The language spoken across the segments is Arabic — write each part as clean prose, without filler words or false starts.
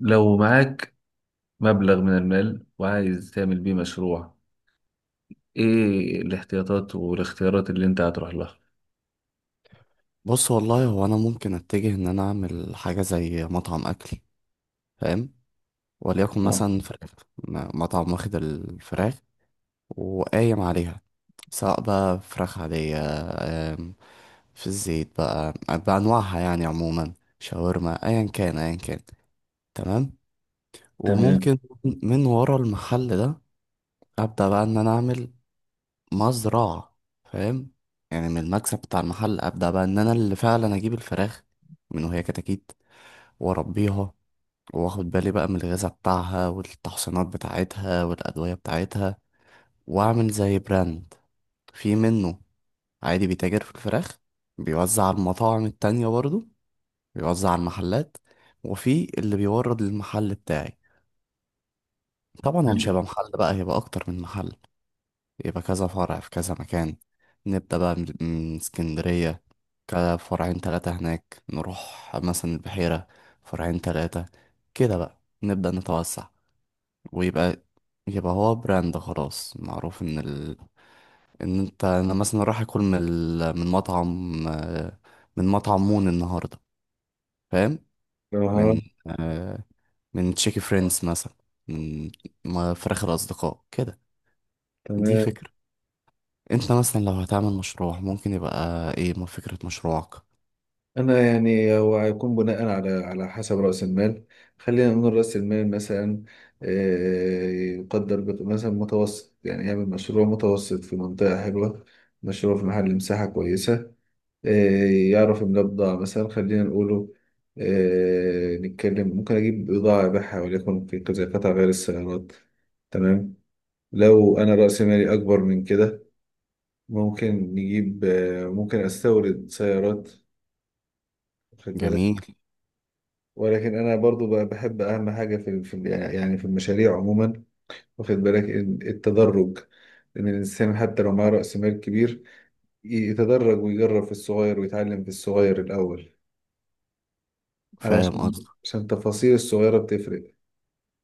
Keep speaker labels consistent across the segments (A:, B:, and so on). A: لو معاك مبلغ من المال وعايز تعمل بيه مشروع، ايه الاحتياطات والاختيارات اللي انت هتروح لها؟
B: بص والله هو انا ممكن اتجه ان انا اعمل حاجه زي مطعم اكل. فاهم؟ وليكن
A: آه،
B: مثلا فراخ. مطعم واخد الفراخ وقايم عليها، سواء بقى فراخ عاديه، آم، في الزيت بقى بانواعها يعني عموما، شاورما، ايا كان ايا كان. تمام.
A: تمام.
B: وممكن من ورا المحل ده ابدا بقى ان انا اعمل مزرعه. فاهم؟ يعني من المكسب بتاع المحل ابدا بقى ان انا اللي فعلا اجيب الفراخ من وهي كتاكيت واربيها، واخد بالي بقى من الغذاء بتاعها والتحصينات بتاعتها والادويه بتاعتها، واعمل زي براند في منه، عادي بيتاجر في الفراخ، بيوزع على المطاعم التانية برضو، بيوزع على المحلات، وفي اللي بيورد للمحل بتاعي. طبعا هو مش
A: حلو.
B: هيبقى محل بقى، هيبقى اكتر من محل، يبقى كذا فرع في كذا مكان. نبدأ بقى من اسكندرية، كده فرعين تلاتة هناك، نروح مثلا البحيرة فرعين تلاتة، كده بقى نبدأ نتوسع. ويبقى يبقى هو براند خلاص معروف ان ال... ان انت انا مثلا رايح اكل من ال... من مطعم من مطعم مون النهارده. فاهم؟
A: اها.
B: من آه، من تشيكي فريندز مثلا، من فراخ الاصدقاء كده. دي
A: تمام.
B: فكره. انت مثلا لو هتعمل مشروع ممكن يبقى ايه ما فكره مشروعك؟
A: انا يعني هو هيكون بناء على حسب راس المال. خلينا نقول راس المال مثلا. آه، يقدر مثلا متوسط، يعني يعمل مشروع متوسط في منطقه حلوه، مشروع في محل مساحه كويسه. آه، يعرف المبضع، مثلا خلينا نقوله نتكلم، ممكن أجيب بضاعة أبيعها وليكن في كذا قطع غير السيارات. تمام. لو أنا رأس مالي أكبر من كده، ممكن نجيب ممكن أستورد سيارات، واخد بالك.
B: جميل.
A: ولكن أنا برضو بقى بحب أهم حاجة في يعني في المشاريع عموما، واخد بالك التدرج، إن الإنسان حتى لو معاه رأس مال كبير يتدرج ويجرب في الصغير ويتعلم في الصغير الأول،
B: فاهم
A: علشان،
B: قصدي؟
A: عشان التفاصيل الصغيرة بتفرق.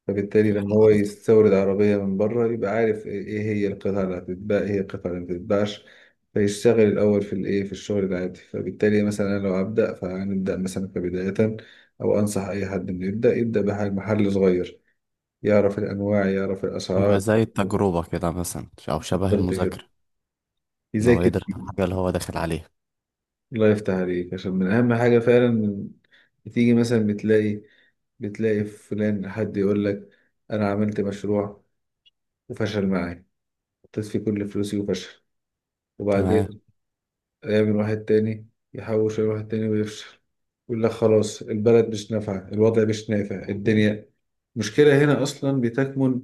A: فبالتالي لما هو
B: قصدي.
A: يستورد عربية من بره يبقى عارف إيه هي القطع اللي هتتباع، ايه هي القطع اللي مبتتباعش، فيشتغل الأول في الايه، في الشغل العادي. فبالتالي مثلا أنا لو هبدأ فهنبدأ مثلا كبداية، أو أنصح أي حد إنه يبدأ بمحل صغير، يعرف الأنواع يعرف
B: يبقى
A: الأسعار.
B: زي التجربه كده مثلا او شبه
A: بالظبط كده،
B: المذاكره، ان هو
A: يذاكر
B: يدرس
A: فيه.
B: الحاجه اللي هو داخل عليها.
A: الله يفتح عليك، عشان من أهم حاجة فعلا. من، بتيجي مثلا بتلاقي فلان حد يقول لك: انا عملت مشروع وفشل معايا، حطيت فيه كل فلوسي وفشل، وبعدين
B: تمام.
A: يعمل واحد تاني، يحوش يعمل واحد تاني ويفشل، يقول لك خلاص البلد مش نافعة، الوضع مش نافع، الدنيا. المشكلة هنا أصلا بتكمن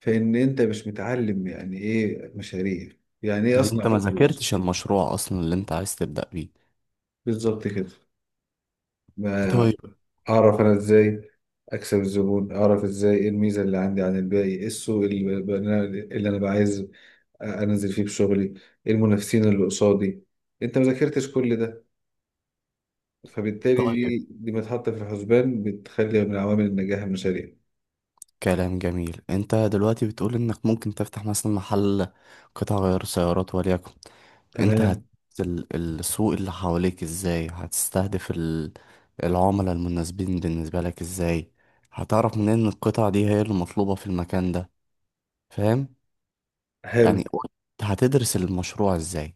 A: في إن أنت مش متعلم يعني إيه مشاريع، يعني إيه
B: ان
A: أصنع
B: انت ما
A: فلوس.
B: ذاكرتش المشروع اصلا اللي انت عايز تبدأ بيه.
A: بالظبط كده. ما
B: طيب.
A: أعرف أنا إزاي أكسب الزبون، أعرف إزاي إيه الميزة اللي عندي عن الباقي، إيه السوق اللي أنا، اللي أنا بعايز انزل فيه بشغلي، ايه المنافسين اللي قصادي. انت ما ذاكرتش كل ده، فبالتالي
B: طيب،
A: دي متحطه في الحسبان، بتخلي من عوامل النجاح المشاريع.
B: كلام جميل. انت دلوقتي بتقول انك ممكن تفتح مثلا محل قطع غيار سيارات وليكن. انت هت
A: تمام.
B: ال- السوق اللي حواليك ازاي هتستهدف ال... العملاء المناسبين بالنسبة لك ازاي؟ هتعرف منين ان القطع دي هي اللي مطلوبة في المكان ده؟ فاهم؟ يعني
A: حلو.
B: هتدرس المشروع ازاي؟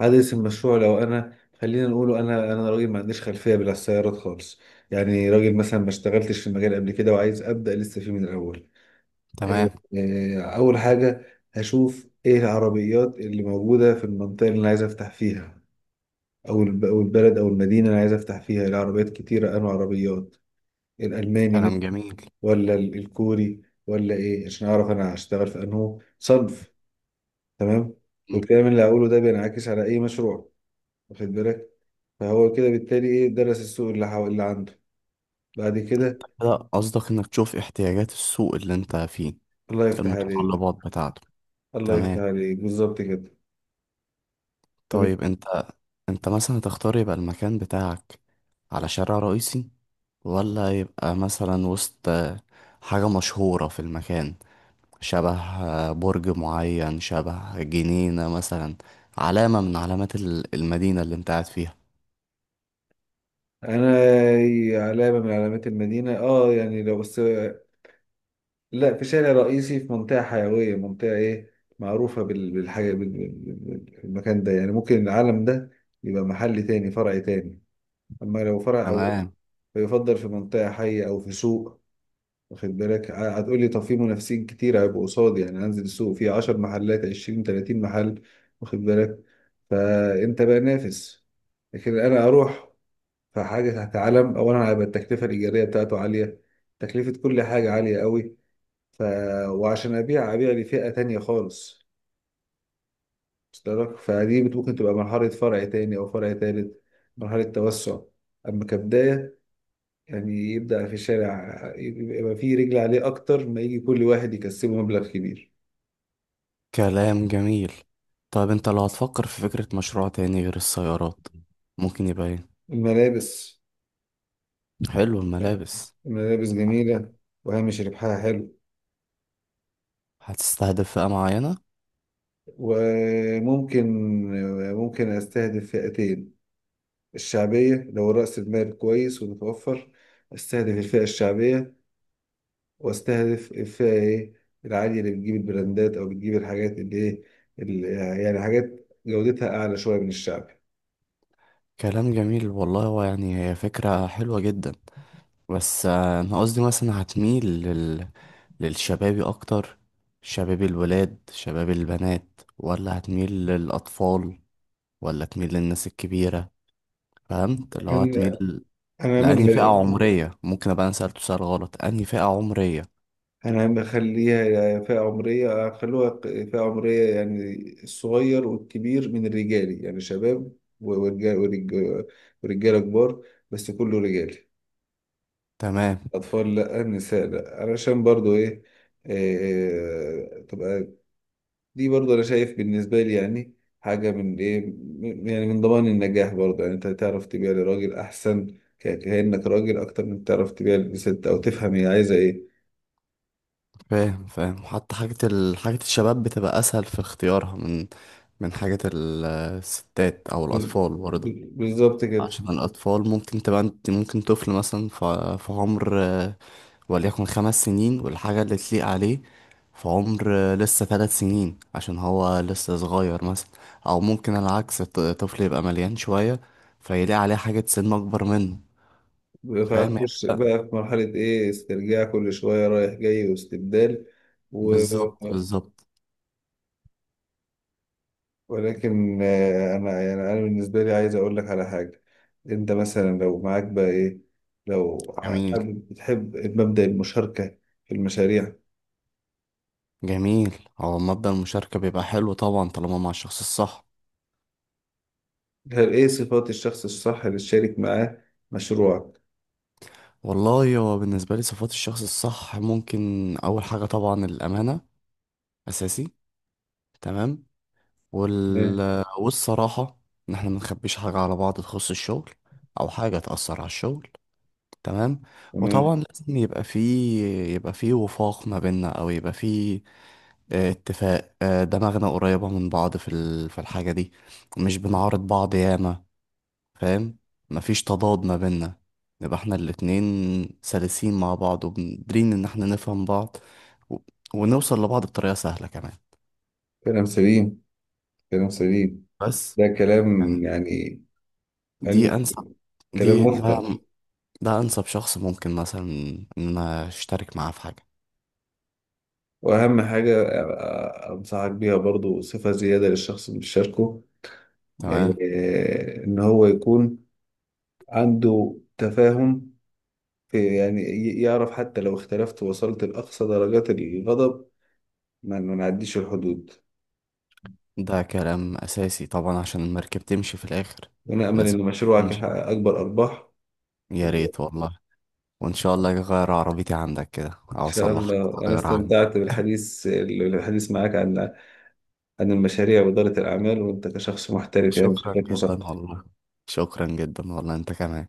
A: عدد المشروع، لو انا خلينا نقوله، انا انا راجل ما عنديش خلفيه بالسيارات خالص، يعني راجل مثلا ما اشتغلتش في المجال قبل كده وعايز ابدا لسه فيه من الاول. آه،
B: تمام.
A: اول حاجه، هشوف ايه العربيات اللي موجوده في المنطقه اللي انا عايز افتح فيها، أو البلد او المدينه اللي انا عايز افتح فيها، العربيات كتيره، انواع عربيات، الالماني من،
B: كلام جميل.
A: ولا الكوري، ولا ايه، عشان اعرف انا هشتغل في انه صنف. تمام.
B: م.
A: والكلام اللي هقوله ده بينعكس على اي مشروع، واخد بالك. فهو كده بالتالي ايه، درس السوق اللي عنده. بعد كده،
B: لا قصدك انك تشوف احتياجات السوق اللي انت فيه،
A: الله يفتح عليك.
B: المتطلبات بتاعته.
A: الله يفتح
B: تمام.
A: عليك بالظبط كده.
B: طيب
A: فبت...
B: انت، انت مثلا تختار يبقى المكان بتاعك على شارع رئيسي، ولا يبقى مثلا وسط حاجة مشهورة في المكان، شبه برج معين، شبه جنينة مثلا، علامة من علامات ال- المدينة اللي انت قاعد فيها.
A: انا، علامه من علامات المدينه، يعني لو بس، لا، في شارع رئيسي، في منطقه حيويه، منطقه ايه معروفه بالحاجه، بالمكان ده، يعني ممكن العالم ده يبقى محل تاني، فرع تاني. أما لو فرع أول
B: تمام.
A: فيفضل في منطقة حية أو في سوق، واخد بالك. هتقولي طب في منافسين كتير هيبقوا قصادي، يعني أنزل السوق فيه 10 محلات، 20، 30 محل. واخد بالك، فأنت بقى نافس. لكن أنا أروح في حاجة تحت علم، أولا هيبقى التكلفة الإيجارية بتاعته عالية، تكلفة كل حاجة عالية قوي، ف... وعشان أبيع لفئة تانية خالص، وصل لك؟ فدي ممكن تبقى مرحلة فرع تاني أو فرع تالت، مرحلة توسع. أما كبداية يعني يبدأ في الشارع، يبقى فيه رجل عليه أكتر، ما يجي كل واحد يكسبه مبلغ كبير.
B: كلام جميل. طيب انت لو هتفكر في فكرة مشروع تاني غير السيارات ممكن يبقى ايه؟
A: الملابس.
B: حلو، الملابس.
A: الملابس جميلة، وهامش ربحها حلو.
B: هتستهدف فئة معينة؟
A: وممكن، ممكن أستهدف فئتين، الشعبية لو رأس المال كويس ومتوفر، أستهدف الفئة الشعبية، وأستهدف الفئة إيه، العالية، اللي بتجيب البراندات أو بتجيب الحاجات اللي- يعني حاجات جودتها أعلى شوية من الشعب.
B: كلام جميل والله. هو يعني هي فكرة حلوة جدا، بس أنا قصدي مثلا هتميل لل... للشبابي أكتر؟ شباب الولاد، شباب البنات، ولا هتميل للأطفال، ولا تميل للناس الكبيرة؟ فهمت اللي هو
A: أنا،
B: هتميل
A: أنا
B: لأنهي فئة
A: أعملها.
B: عمرية؟ ممكن أبقى أنا سألته سؤال غلط، أنهي فئة عمرية.
A: انا بخليها فئة عمرية، اخلوها فئة عمرية، يعني الصغير والكبير من الرجالي، يعني شباب ورجال، ورجال ورجالة كبار، بس كله رجالي.
B: تمام.
A: اطفال لا، نساء لا، علشان برضو ايه، تبقى، دي برضو انا شايف بالنسبة لي، يعني حاجة من ايه، يعني من ضمان النجاح برضو، يعني انت تعرف تبيع لراجل احسن، كأنك راجل، اكتر من تعرف تبيع لست او تفهم هي عايزة ايه.
B: فاهم، فاهم. حتى حاجة ال... حاجة الشباب بتبقى أسهل في اختيارها من من حاجة ال- الستات أو
A: بال-
B: الأطفال برضه.
A: بالظبط كده.
B: عشان الأطفال ممكن تبقى انت، ممكن طفل مثلا في عمر وليكن 5 سنين والحاجة اللي تليق عليه في عمر لسه 3 سنين عشان هو لسه صغير مثلا، أو ممكن العكس، طفل يبقى مليان شوية فيلاقي عليه حاجة سن أكبر منه. فاهم؟
A: فهتخش بقى في مرحلة إيه، استرجاع كل شوية رايح جاي واستبدال، و...
B: بالظبط بالظبط.
A: ولكن أنا يعني أنا بالنسبة لي عايز أقول لك على حاجة. أنت مثلا لو معاك بقى إيه، لو
B: جميل.
A: بتحب مبدأ المشاركة في المشاريع،
B: جميل، هو مبدأ المشاركة بيبقى حلو طبعا طالما مع الشخص الصح.
A: هل إيه صفات الشخص الصح اللي تشارك معاه مشروعك؟
B: والله هو بالنسبة لي صفات الشخص الصح ممكن أول حاجة طبعا الأمانة، أساسي. تمام.
A: تمام،
B: وال... والصراحة، ان احنا ما نخبيش حاجة على بعض تخص الشغل او حاجة تأثر على الشغل. تمام.
A: تمام.
B: وطبعا لازم يبقى فيه، يبقى فيه وفاق ما بيننا او يبقى فيه اتفاق، دماغنا قريبة من بعض في ال... في الحاجة دي، مش بنعارض بعض ياما. فاهم؟ مفيش تضاد ما بيننا، نبقى احنا الاتنين سلسين مع بعض وقادرين ان احنا نفهم بعض و... ونوصل لبعض بطريقة سهلة كمان.
A: كلام سليم، كلام سليم.
B: بس
A: ده كلام
B: يعني،
A: يعني،
B: دي
A: يعني
B: انسب،
A: كلام
B: دي ده،
A: مفصل.
B: ده انسب شخص ممكن مثلا ان انا اشترك معاه في حاجه.
A: واهم حاجه، انصحك بيها برضو، صفه زياده للشخص اللي بيشاركه،
B: تمام.
A: ان هو يكون عنده تفاهم في، يعني يعرف حتى لو اختلفت ووصلت لاقصى درجات الغضب، ما نعديش الحدود.
B: ده كلام اساسي طبعا عشان المركب تمشي في الاخر.
A: وانا امل
B: لازم
A: ان مشروعك
B: تمشي.
A: يحقق اكبر ارباح.
B: يا ريت والله، وان شاء الله اغير عربيتي عندك كده
A: ان
B: او
A: شاء
B: اصلحك.
A: الله، انا
B: تغيرها عندك.
A: استمتعت بالحديث، معاك عن عن المشاريع واداره الاعمال، وانت كشخص محترف يعني
B: شكرا
A: شكلك
B: جدا
A: مثقف.
B: والله. شكرا جدا والله، انت كمان.